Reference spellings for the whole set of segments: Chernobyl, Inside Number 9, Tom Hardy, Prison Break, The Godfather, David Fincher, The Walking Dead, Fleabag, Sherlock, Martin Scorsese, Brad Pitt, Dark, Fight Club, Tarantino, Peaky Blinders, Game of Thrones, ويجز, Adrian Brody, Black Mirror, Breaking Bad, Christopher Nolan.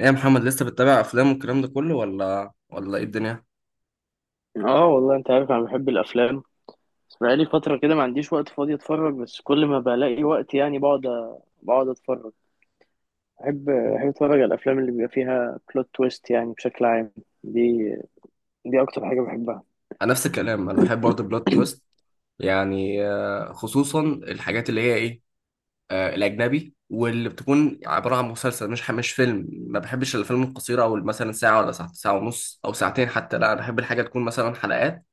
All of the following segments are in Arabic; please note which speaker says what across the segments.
Speaker 1: ايه يا محمد لسه بتتابع افلام والكلام ده كله ولا ايه الدنيا؟
Speaker 2: اه والله انت عارف انا بحب الافلام. بس بقالي فتره كده ما عنديش وقت فاضي اتفرج، بس كل ما بلاقي وقت يعني بقعد اتفرج. بحب اتفرج على الافلام اللي بيبقى فيها بلوت تويست يعني بشكل عام. دي دي اكتر حاجه بحبها.
Speaker 1: انا نفس الكلام، انا بحب برضه بلوت تويست، يعني خصوصا الحاجات اللي هي ايه، الاجنبي، واللي بتكون عباره عن مسلسل، مش فيلم. ما بحبش الافلام القصيره، او مثلا ساعه ولا ساعه، ساعه ونص او ساعتين، حتى لا، انا بحب الحاجه تكون مثلا حلقات،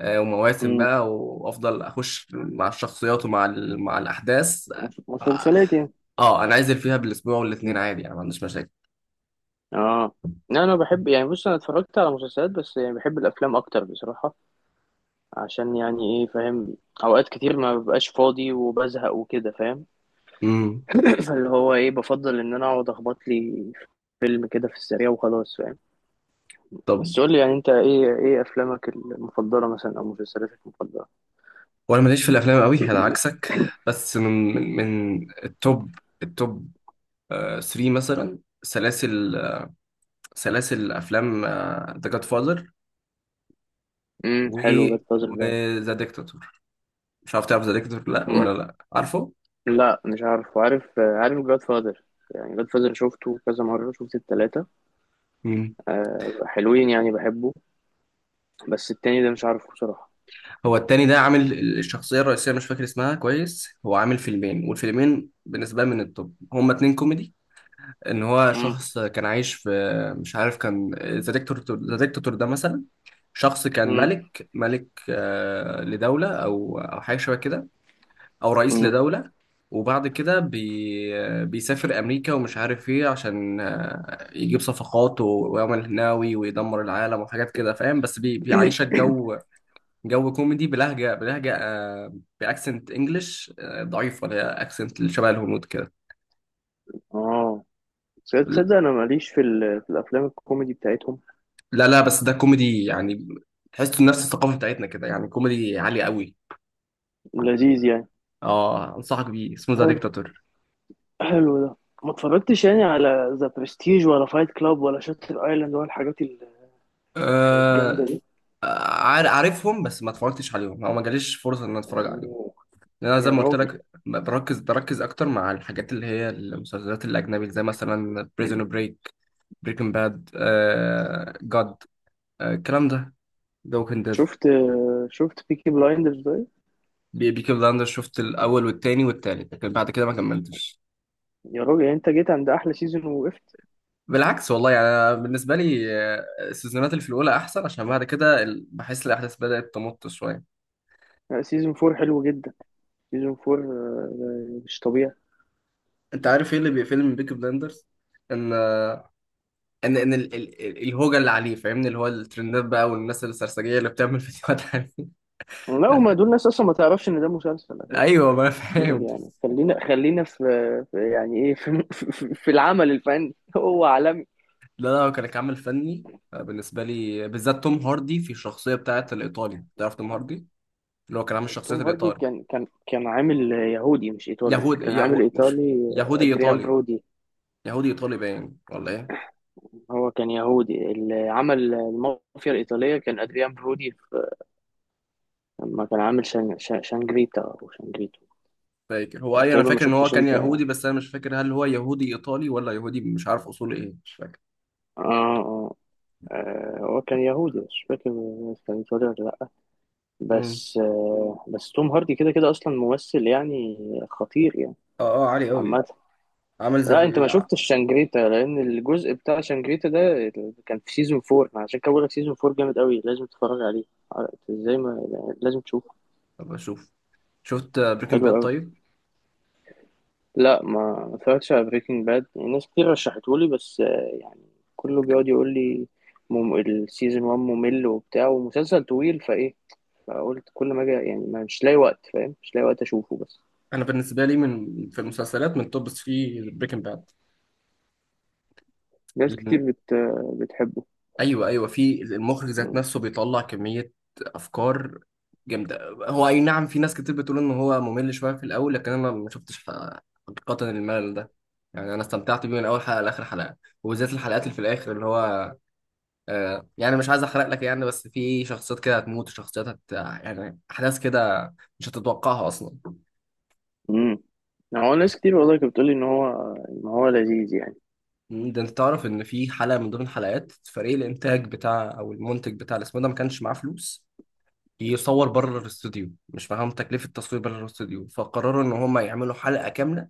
Speaker 1: ومواسم
Speaker 2: امم
Speaker 1: بقى، وافضل اخش مع الشخصيات ومع مع الاحداث. اه،
Speaker 2: مسلسلات يعني.
Speaker 1: انا عايز فيها بالاسبوع والاثنين
Speaker 2: مم.
Speaker 1: عادي، يعني ما عنديش مشاكل.
Speaker 2: اه، لا انا بحب، يعني بص انا اتفرجت على مسلسلات بس يعني بحب الافلام اكتر بصراحه. عشان يعني ايه، فاهم؟ اوقات كتير ما ببقاش فاضي وبزهق وكده، فاهم؟
Speaker 1: امم،
Speaker 2: اللي هو ايه، بفضل ان انا اقعد اخبط لي فيلم كده في السريع وخلاص، فاهم؟
Speaker 1: طب.
Speaker 2: بس قول لي يعني انت ايه، ايه افلامك المفضله مثلا او مسلسلاتك المفضله؟
Speaker 1: وانا ماليش في الافلام قوي، انا عكسك. بس من من التوب، التوب 3 مثلا سلاسل، سلاسل افلام. ذا جاد فاذر، و
Speaker 2: حلو، جاد فازر ده.
Speaker 1: ذا ديكتاتور. مش عارف تعرف ذا ديكتاتور لا
Speaker 2: مم.
Speaker 1: ولا لا عارفه؟
Speaker 2: لا مش عارف، وعارف جاد فازر. يعني جاد فازر شفته كذا مره، شفت التلاته.
Speaker 1: مم.
Speaker 2: أه حلوين يعني بحبه. بس التاني ده مش عارفه بصراحه.
Speaker 1: هو التاني ده عامل، الشخصيه الرئيسيه مش فاكر اسمها كويس، هو عامل فيلمين، والفيلمين بالنسبه لي من التوب، هما اتنين كوميدي. ان هو
Speaker 2: امم
Speaker 1: شخص كان عايش في، مش عارف، كان ذا ديكتاتور، ذا ديكتاتور ده مثلا شخص كان
Speaker 2: امم
Speaker 1: ملك لدولة أو حاجة شبه كده، أو رئيس
Speaker 2: امم
Speaker 1: لدولة، وبعد كده بيسافر أمريكا، ومش عارف إيه، عشان يجيب صفقات ويعمل هناوي ويدمر العالم وحاجات كده فاهم، بس بيعيشك جو، جو كوميدي، بلهجة بأكسنت إنجلش ضعيف، ولا أكسنت اللي شبه الهنود كده.
Speaker 2: اه، تصدق انا ماليش في الافلام الكوميدي بتاعتهم.
Speaker 1: لا لا، بس ده كوميدي يعني، تحسه نفس الثقافة بتاعتنا كده، يعني كوميدي عالي قوي.
Speaker 2: لذيذ
Speaker 1: اه، انصحك بيه، اسمه ذا
Speaker 2: يعني،
Speaker 1: ديكتاتور.
Speaker 2: حلو ده. ما اتفرجتش يعني على ذا برستيج ولا فايت كلاب ولا شاتر ايلاند ولا الحاجات الجامده
Speaker 1: آه،
Speaker 2: دي؟
Speaker 1: عارفهم، بس ما اتفرجتش عليهم، او ما جاليش فرصه ان أنا اتفرج عليهم.
Speaker 2: أوه،
Speaker 1: لان انا زي
Speaker 2: يا
Speaker 1: ما قلت
Speaker 2: راجل،
Speaker 1: لك، بركز اكتر مع الحاجات اللي هي المسلسلات الاجنبي، زي مثلا بريزون بريك، بريكنج باد، آه جاد، آه الكلام ده، ذا ووكينج
Speaker 2: شفت شفت بيكي بلايندرز ده؟
Speaker 1: ديد. بيكي بلاندر شفت الاول والتاني والتالت، لكن بعد كده ما كملتش.
Speaker 2: يا راجل، يعني انت جيت عند احلى سيزون ووقفت.
Speaker 1: بالعكس والله، يعني أنا بالنسبه لي السيزونات اللي في الاولى احسن، عشان بعد كده بحس الاحداث بدات تمط شويه.
Speaker 2: لا، سيزون فور حلو جدا. سيزون فور آه، مش طبيعي.
Speaker 1: انت عارف ايه اللي بيقفلني من بيكي بلاندرز؟ ان، ان الهوجه اللي عليه فاهمني، اللي هو الترندات بقى، والناس السرسجيه اللي بتعمل فيديوهات عليه.
Speaker 2: لا هما دول ناس اصلا ما تعرفش ان ده مسلسل اساسا.
Speaker 1: ايوه ما أنا
Speaker 2: سيبك،
Speaker 1: فاهم.
Speaker 2: يعني خلينا في يعني ايه، في العمل الفني هو عالمي.
Speaker 1: لا لا، هو كان كعمل فني بالنسبه لي، بالذات توم هاردي في الشخصيه بتاعت الايطالي. تعرف توم هاردي اللي هو كان عامل شخصيه
Speaker 2: توم هاردي
Speaker 1: الايطالي؟
Speaker 2: كان كان عامل يهودي مش ايطالي،
Speaker 1: يهود
Speaker 2: كان عامل
Speaker 1: يهو... مش
Speaker 2: ايطالي،
Speaker 1: يهودي
Speaker 2: ادريان
Speaker 1: ايطالي.
Speaker 2: برودي.
Speaker 1: يهودي ايطالي باين ولا ايه؟
Speaker 2: هو كان يهودي، اللي عمل المافيا الايطاليه كان ادريان برودي في، لما كان عامل شانجريتا او شانجريتو.
Speaker 1: فاكر هو اي، انا
Speaker 2: تقريبا ما
Speaker 1: فاكر ان هو
Speaker 2: شفتش
Speaker 1: كان
Speaker 2: انت؟ اه،
Speaker 1: يهودي، بس انا مش فاكر هل هو يهودي ايطالي ولا يهودي، مش عارف اصوله ايه، مش فاكر.
Speaker 2: اه، آه، هو كان يهودي مش فاكر كان ايطالي ولا لا.
Speaker 1: امم.
Speaker 2: بس آه، بس توم هاردي كده كده اصلا ممثل يعني، خطير يعني،
Speaker 1: اه اه، عالي قوي.
Speaker 2: عامه.
Speaker 1: عامل زي
Speaker 2: لا
Speaker 1: في،
Speaker 2: انت ما شفتش شانجريتا، لان الجزء بتاع شانجريتا ده كان في سيزون 4. أنا عشان كده بقول لك سيزون 4 جامد قوي، لازم تتفرج عليه. ازاي ما، يعني لازم تشوفه.
Speaker 1: طب اشوف. شفت بريكنج
Speaker 2: حلو
Speaker 1: باد
Speaker 2: قوي.
Speaker 1: طيب؟
Speaker 2: لا ما، ما اتفرجتش على بريكنج باد. ناس كتير رشحته لي، بس آه، يعني كله بيقعد يقول لي السيزون 1 ممل وبتاع، ومسلسل طويل فايه، فقلت كل ما اجي يعني مش لاقي وقت، فاهم؟ مش لاقي وقت اشوفه بس.
Speaker 1: انا بالنسبه لي من في المسلسلات من توب 3 بريكنج باد.
Speaker 2: ناس كتير بتحبه.
Speaker 1: ايوه ايوه، في المخرج ذات
Speaker 2: مم.
Speaker 1: نفسه بيطلع كميه افكار جامده. هو اي نعم، في ناس كتير بتقول ان هو ممل شويه في الاول، لكن انا ما شفتش حقيقه الملل ده، يعني انا استمتعت بيه من اول حلقه لاخر حلقه. وبالذات الحلقات اللي في الاخر اللي هو، آه يعني مش عايز احرق لك يعني، بس في شخصيات كده هتموت، وشخصيات هت، يعني احداث كده مش هتتوقعها اصلا.
Speaker 2: مم. هو ناس كتير والله كانت بتقولي ان هو، ان هو لذيذ يعني.
Speaker 1: مم، ده انت تعرف ان في حلقه من ضمن حلقات، فريق الانتاج بتاع او المنتج بتاع الاسم ده ما كانش معاه فلوس يصور بره الاستوديو، مش معاهم تكلفه التصوير بره الاستوديو، فقرروا ان هم يعملوا حلقه كامله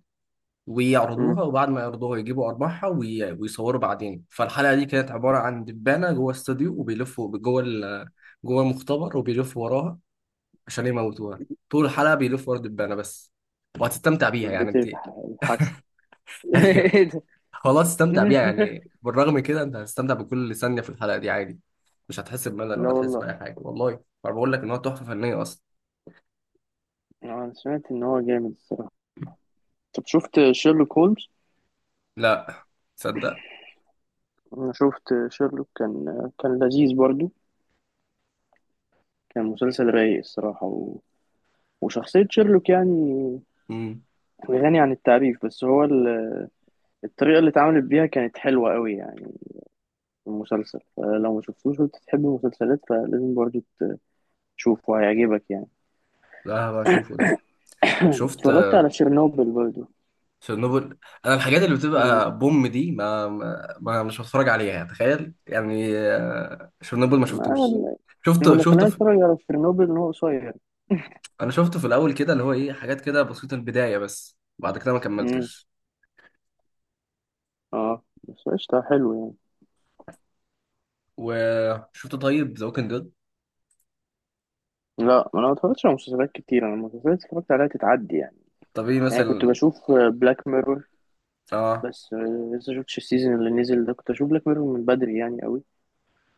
Speaker 1: ويعرضوها، وبعد ما يعرضوها يجيبوا ارباحها ويصوروا بعدين. فالحلقه دي كانت عباره عن دبانه جوه استوديو، وبيلفوا جوه جوه المختبر، وبيلفوا وراها عشان يموتوها. طول الحلقه بيلفوا ورا الدبانه بس، وهتستمتع بيها يعني
Speaker 2: والبيت
Speaker 1: انت.
Speaker 2: الحشو ايه ده؟
Speaker 1: خلاص، استمتع بيها يعني، بالرغم من كده انت هتستمتع بكل ثانيه في الحلقه دي عادي. مش هتحس بملل
Speaker 2: لا
Speaker 1: ولا هتحس
Speaker 2: والله.
Speaker 1: باي حاجه والله. انا بقول لك ان هو تحفه فنيه اصلا.
Speaker 2: انا سمعت ان هو جامد الصراحه. طب شفت شيرلوك هولمز؟
Speaker 1: لا، تصدق.
Speaker 2: انا شفت شيرلوك، كان لذيذ برضو. كان مسلسل رايق الصراحه، و... وشخصيه شيرلوك يعني
Speaker 1: امم،
Speaker 2: غني عن التعريف. بس هو الطريقه اللي اتعملت بيها كانت حلوه قوي يعني في المسلسل. فلو ما شفتوش وانت تحب المسلسلات، فلازم برضو تشوفه، هيعجبك يعني.
Speaker 1: لا هبقى اشوفه ده. طب شفت
Speaker 2: اتفرجت على شيرنوبل برضو؟
Speaker 1: تشيرنوبل؟ انا الحاجات اللي
Speaker 2: مم.
Speaker 1: بتبقى بوم دي ما مش بتفرج عليها، تخيل يعني. تشيرنوبل ما
Speaker 2: ما...
Speaker 1: شفتوش.
Speaker 2: انا
Speaker 1: شفته
Speaker 2: اللي
Speaker 1: شفته
Speaker 2: خلاني
Speaker 1: في...
Speaker 2: اتفرج على شيرنوبل ان هو قصير.
Speaker 1: انا شفته في الاول كده اللي هو ايه، حاجات كده بسيطه البدايه، بس بعد كده ما
Speaker 2: مم.
Speaker 1: كملتش.
Speaker 2: اه بس قشطة، حلو يعني.
Speaker 1: وشفت طيب ذا ووكينج ديد؟
Speaker 2: لا، ما انا ما اتفرجتش على مسلسلات كتير. انا المسلسلات اتفرجت عليها تتعدي يعني.
Speaker 1: طب ايه
Speaker 2: يعني كنت
Speaker 1: مثلا؟
Speaker 2: بشوف بلاك ميرور،
Speaker 1: اه.
Speaker 2: بس آه، لسه شفتش السيزون اللي نزل ده. كنت اشوف بلاك ميرور من بدري يعني قوي.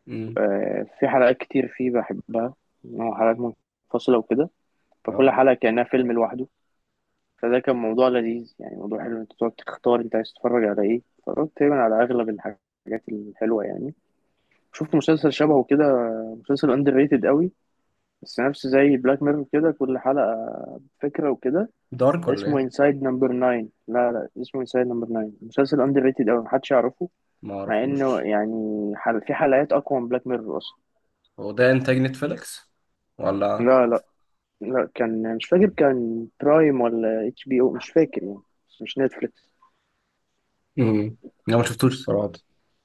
Speaker 1: امم.
Speaker 2: آه، في حلقات كتير فيه بحبها، إن هو حلقات منفصلة وكده، فكل
Speaker 1: اه.
Speaker 2: حلقة كأنها فيلم لوحده. فده كان موضوع لذيذ يعني، موضوع حلو، انت تقعد تختار انت عايز تتفرج على ايه. اتفرجت تقريبا على اغلب الحاجات الحلوة يعني. شفت مسلسل شبهه كده، مسلسل اندر ريتد قوي، بس نفس زي بلاك ميرور كده، كل حلقة فكرة وكده.
Speaker 1: دارك ولا
Speaker 2: اسمه
Speaker 1: ايه؟
Speaker 2: انسايد نمبر 9. لا لا اسمه انسايد نمبر 9، مسلسل اندر ريتد أوي محدش يعرفه،
Speaker 1: ما
Speaker 2: مع انه
Speaker 1: اعرفوش.
Speaker 2: يعني في حلقات اقوى من بلاك ميرور اصلا.
Speaker 1: هو ده انتاج نتفليكس ولا؟
Speaker 2: لا لا، لا كان مش فاكر، كان برايم ولا اتش بي او مش فاكر يعني، بس مش نتفليكس.
Speaker 1: امم، انا ما شفتوش الصراحه.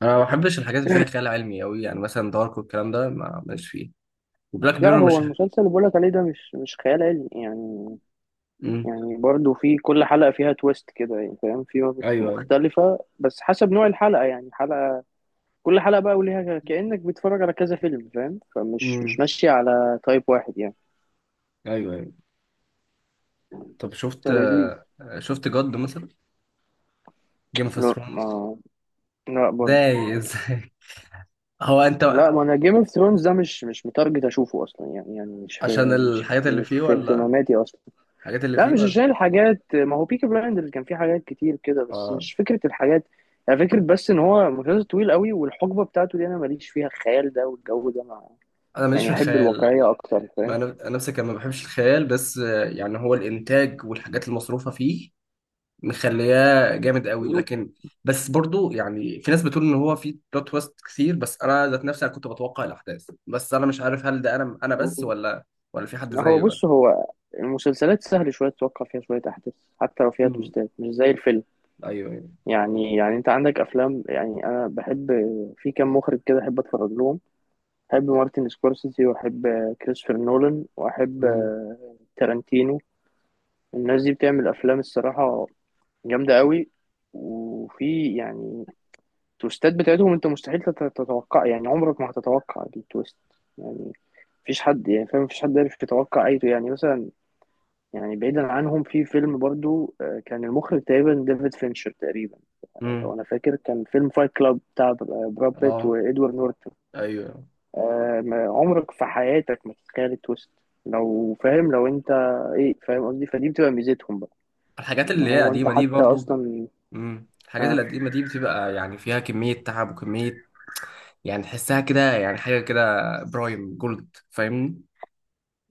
Speaker 1: انا ما بحبش الحاجات اللي فيها خيال علمي قوي، يعني مثلا دارك والكلام ده ما ماليش فيه، وبلاك
Speaker 2: لا
Speaker 1: بيرور
Speaker 2: هو
Speaker 1: مش.
Speaker 2: المسلسل اللي بقولك عليه ده مش، مش خيال علمي يعني.
Speaker 1: امم.
Speaker 2: يعني برضه في كل حلقة فيها تويست كده يعني، فاهم؟ في
Speaker 1: ايوه ايوه.
Speaker 2: مختلفة، بس حسب نوع الحلقة يعني. حلقة، كل حلقة بقى وليها، كأنك بتتفرج على كذا فيلم، فاهم؟ فمش، مش
Speaker 1: امم.
Speaker 2: ماشية على تايب واحد يعني.
Speaker 1: ايوه ايوه. طب شفت،
Speaker 2: فلذيذ.
Speaker 1: شفت جود مثلا، جيم اوف
Speaker 2: لا
Speaker 1: ثرونز؟
Speaker 2: ما، لا برضه.
Speaker 1: ازاي! ازاي! هو انت،
Speaker 2: لا ما انا جيم اوف ثرونز ده مش، مش متارجت اشوفه اصلا يعني، يعني مش في،
Speaker 1: عشان الحاجات اللي
Speaker 2: مش
Speaker 1: فيه
Speaker 2: في
Speaker 1: ولا
Speaker 2: اهتماماتي اصلا.
Speaker 1: الحاجات اللي
Speaker 2: لا
Speaker 1: فيه
Speaker 2: مش
Speaker 1: ولا؟
Speaker 2: عشان الحاجات، ما هو بيكي بلايندرز كان فيه حاجات كتير كده بس،
Speaker 1: اه،
Speaker 2: مش فكره الحاجات يعني، فكره بس ان هو مسلسل طويل قوي، والحقبه بتاعته دي انا ماليش فيها، الخيال ده والجو ده مع،
Speaker 1: انا ماليش في
Speaker 2: يعني احب
Speaker 1: الخيال،
Speaker 2: الواقعيه اكتر،
Speaker 1: ما
Speaker 2: فاهم؟
Speaker 1: انا أنا نفسي كان ما بحبش الخيال، بس يعني هو الانتاج والحاجات المصروفه فيه مخلياه جامد قوي، لكن، بس برضو يعني في ناس بتقول ان هو فيه بلوت تويست كتير، بس انا ذات نفسي انا كنت بتوقع الاحداث، بس انا مش عارف هل ده انا انا بس ولا، ولا في حد
Speaker 2: هو
Speaker 1: زيي ولا.
Speaker 2: بص، هو المسلسلات سهل شوية تتوقع فيها شوية أحداث، حتى لو فيها
Speaker 1: امم.
Speaker 2: تويستات، مش زي الفيلم.
Speaker 1: ايوه ايوه.
Speaker 2: يعني، يعني أنت عندك أفلام، يعني أنا بحب، في كام مخرج كده أحب أتفرج لهم. أحب مارتن سكورسيزي، وأحب كريستوفر نولان، وأحب
Speaker 1: امم.
Speaker 2: تارانتينو. الناس دي بتعمل أفلام الصراحة جامدة قوي، وفي يعني التويستات بتاعتهم أنت مستحيل تتوقع يعني، عمرك ما هتتوقع التويست يعني. مفيش حد يعني، فاهم؟ مفيش حد عارف يتوقع أي، يعني مثلا، يعني بعيدا عنهم، في فيلم برضو آه، كان المخرج تقريبا ديفيد فينشر تقريبا،
Speaker 1: امم.
Speaker 2: لو انا فاكر، كان فيلم فايت كلاب بتاع براد بيت
Speaker 1: اه.
Speaker 2: وادوارد نورتون.
Speaker 1: ايوه.
Speaker 2: آه، عمرك في حياتك ما تتخيل التويست لو، فاهم؟ لو انت، ايه، فاهم قصدي؟ فدي بتبقى ميزتهم بقى،
Speaker 1: الحاجات
Speaker 2: ان
Speaker 1: اللي هي
Speaker 2: هو انت
Speaker 1: قديمه دي
Speaker 2: حتى
Speaker 1: برضو
Speaker 2: اصلا،
Speaker 1: امم، الحاجات
Speaker 2: ها،
Speaker 1: القديمه دي بتبقى يعني فيها كميه تعب وكميه، يعني تحسها كده يعني حاجه كده، برايم جولد فاهمني.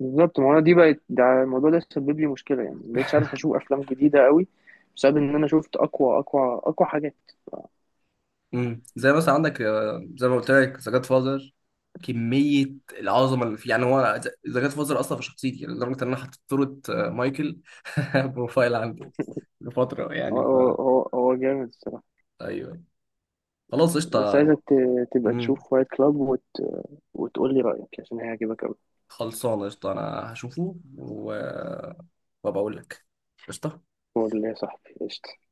Speaker 2: بالظبط. ما هو أنا دي بقت، ده الموضوع ده سبب لي مشكله يعني، ما بقتش عارف اشوف افلام جديده قوي بسبب ان انا شفت اقوى اقوى حاجات.
Speaker 1: امم، زي مثلا عندك زي ما قلت لك ذا جاد فازر، كميه العظمه اللي فيه يعني. هو ذا جاد فازر اصلا في شخصيتي، يعني لدرجه ان انا حطيت صوره مايكل بروفايل عندي لفتره،
Speaker 2: هو
Speaker 1: يعني ف.
Speaker 2: هو هو هو جامد الصراحة.
Speaker 1: ايوه، خلاص
Speaker 2: بس
Speaker 1: قشطه.
Speaker 2: عايزك تبقى
Speaker 1: امم،
Speaker 2: تشوف فايت كلاب، وتقول لي رأيك، عشان هيعجبك أوي.
Speaker 1: خلصانه قشطه، انا هشوفه و وابقى اقول لك. قشطه.
Speaker 2: هو ده اللي يا صاحبي، قشطة.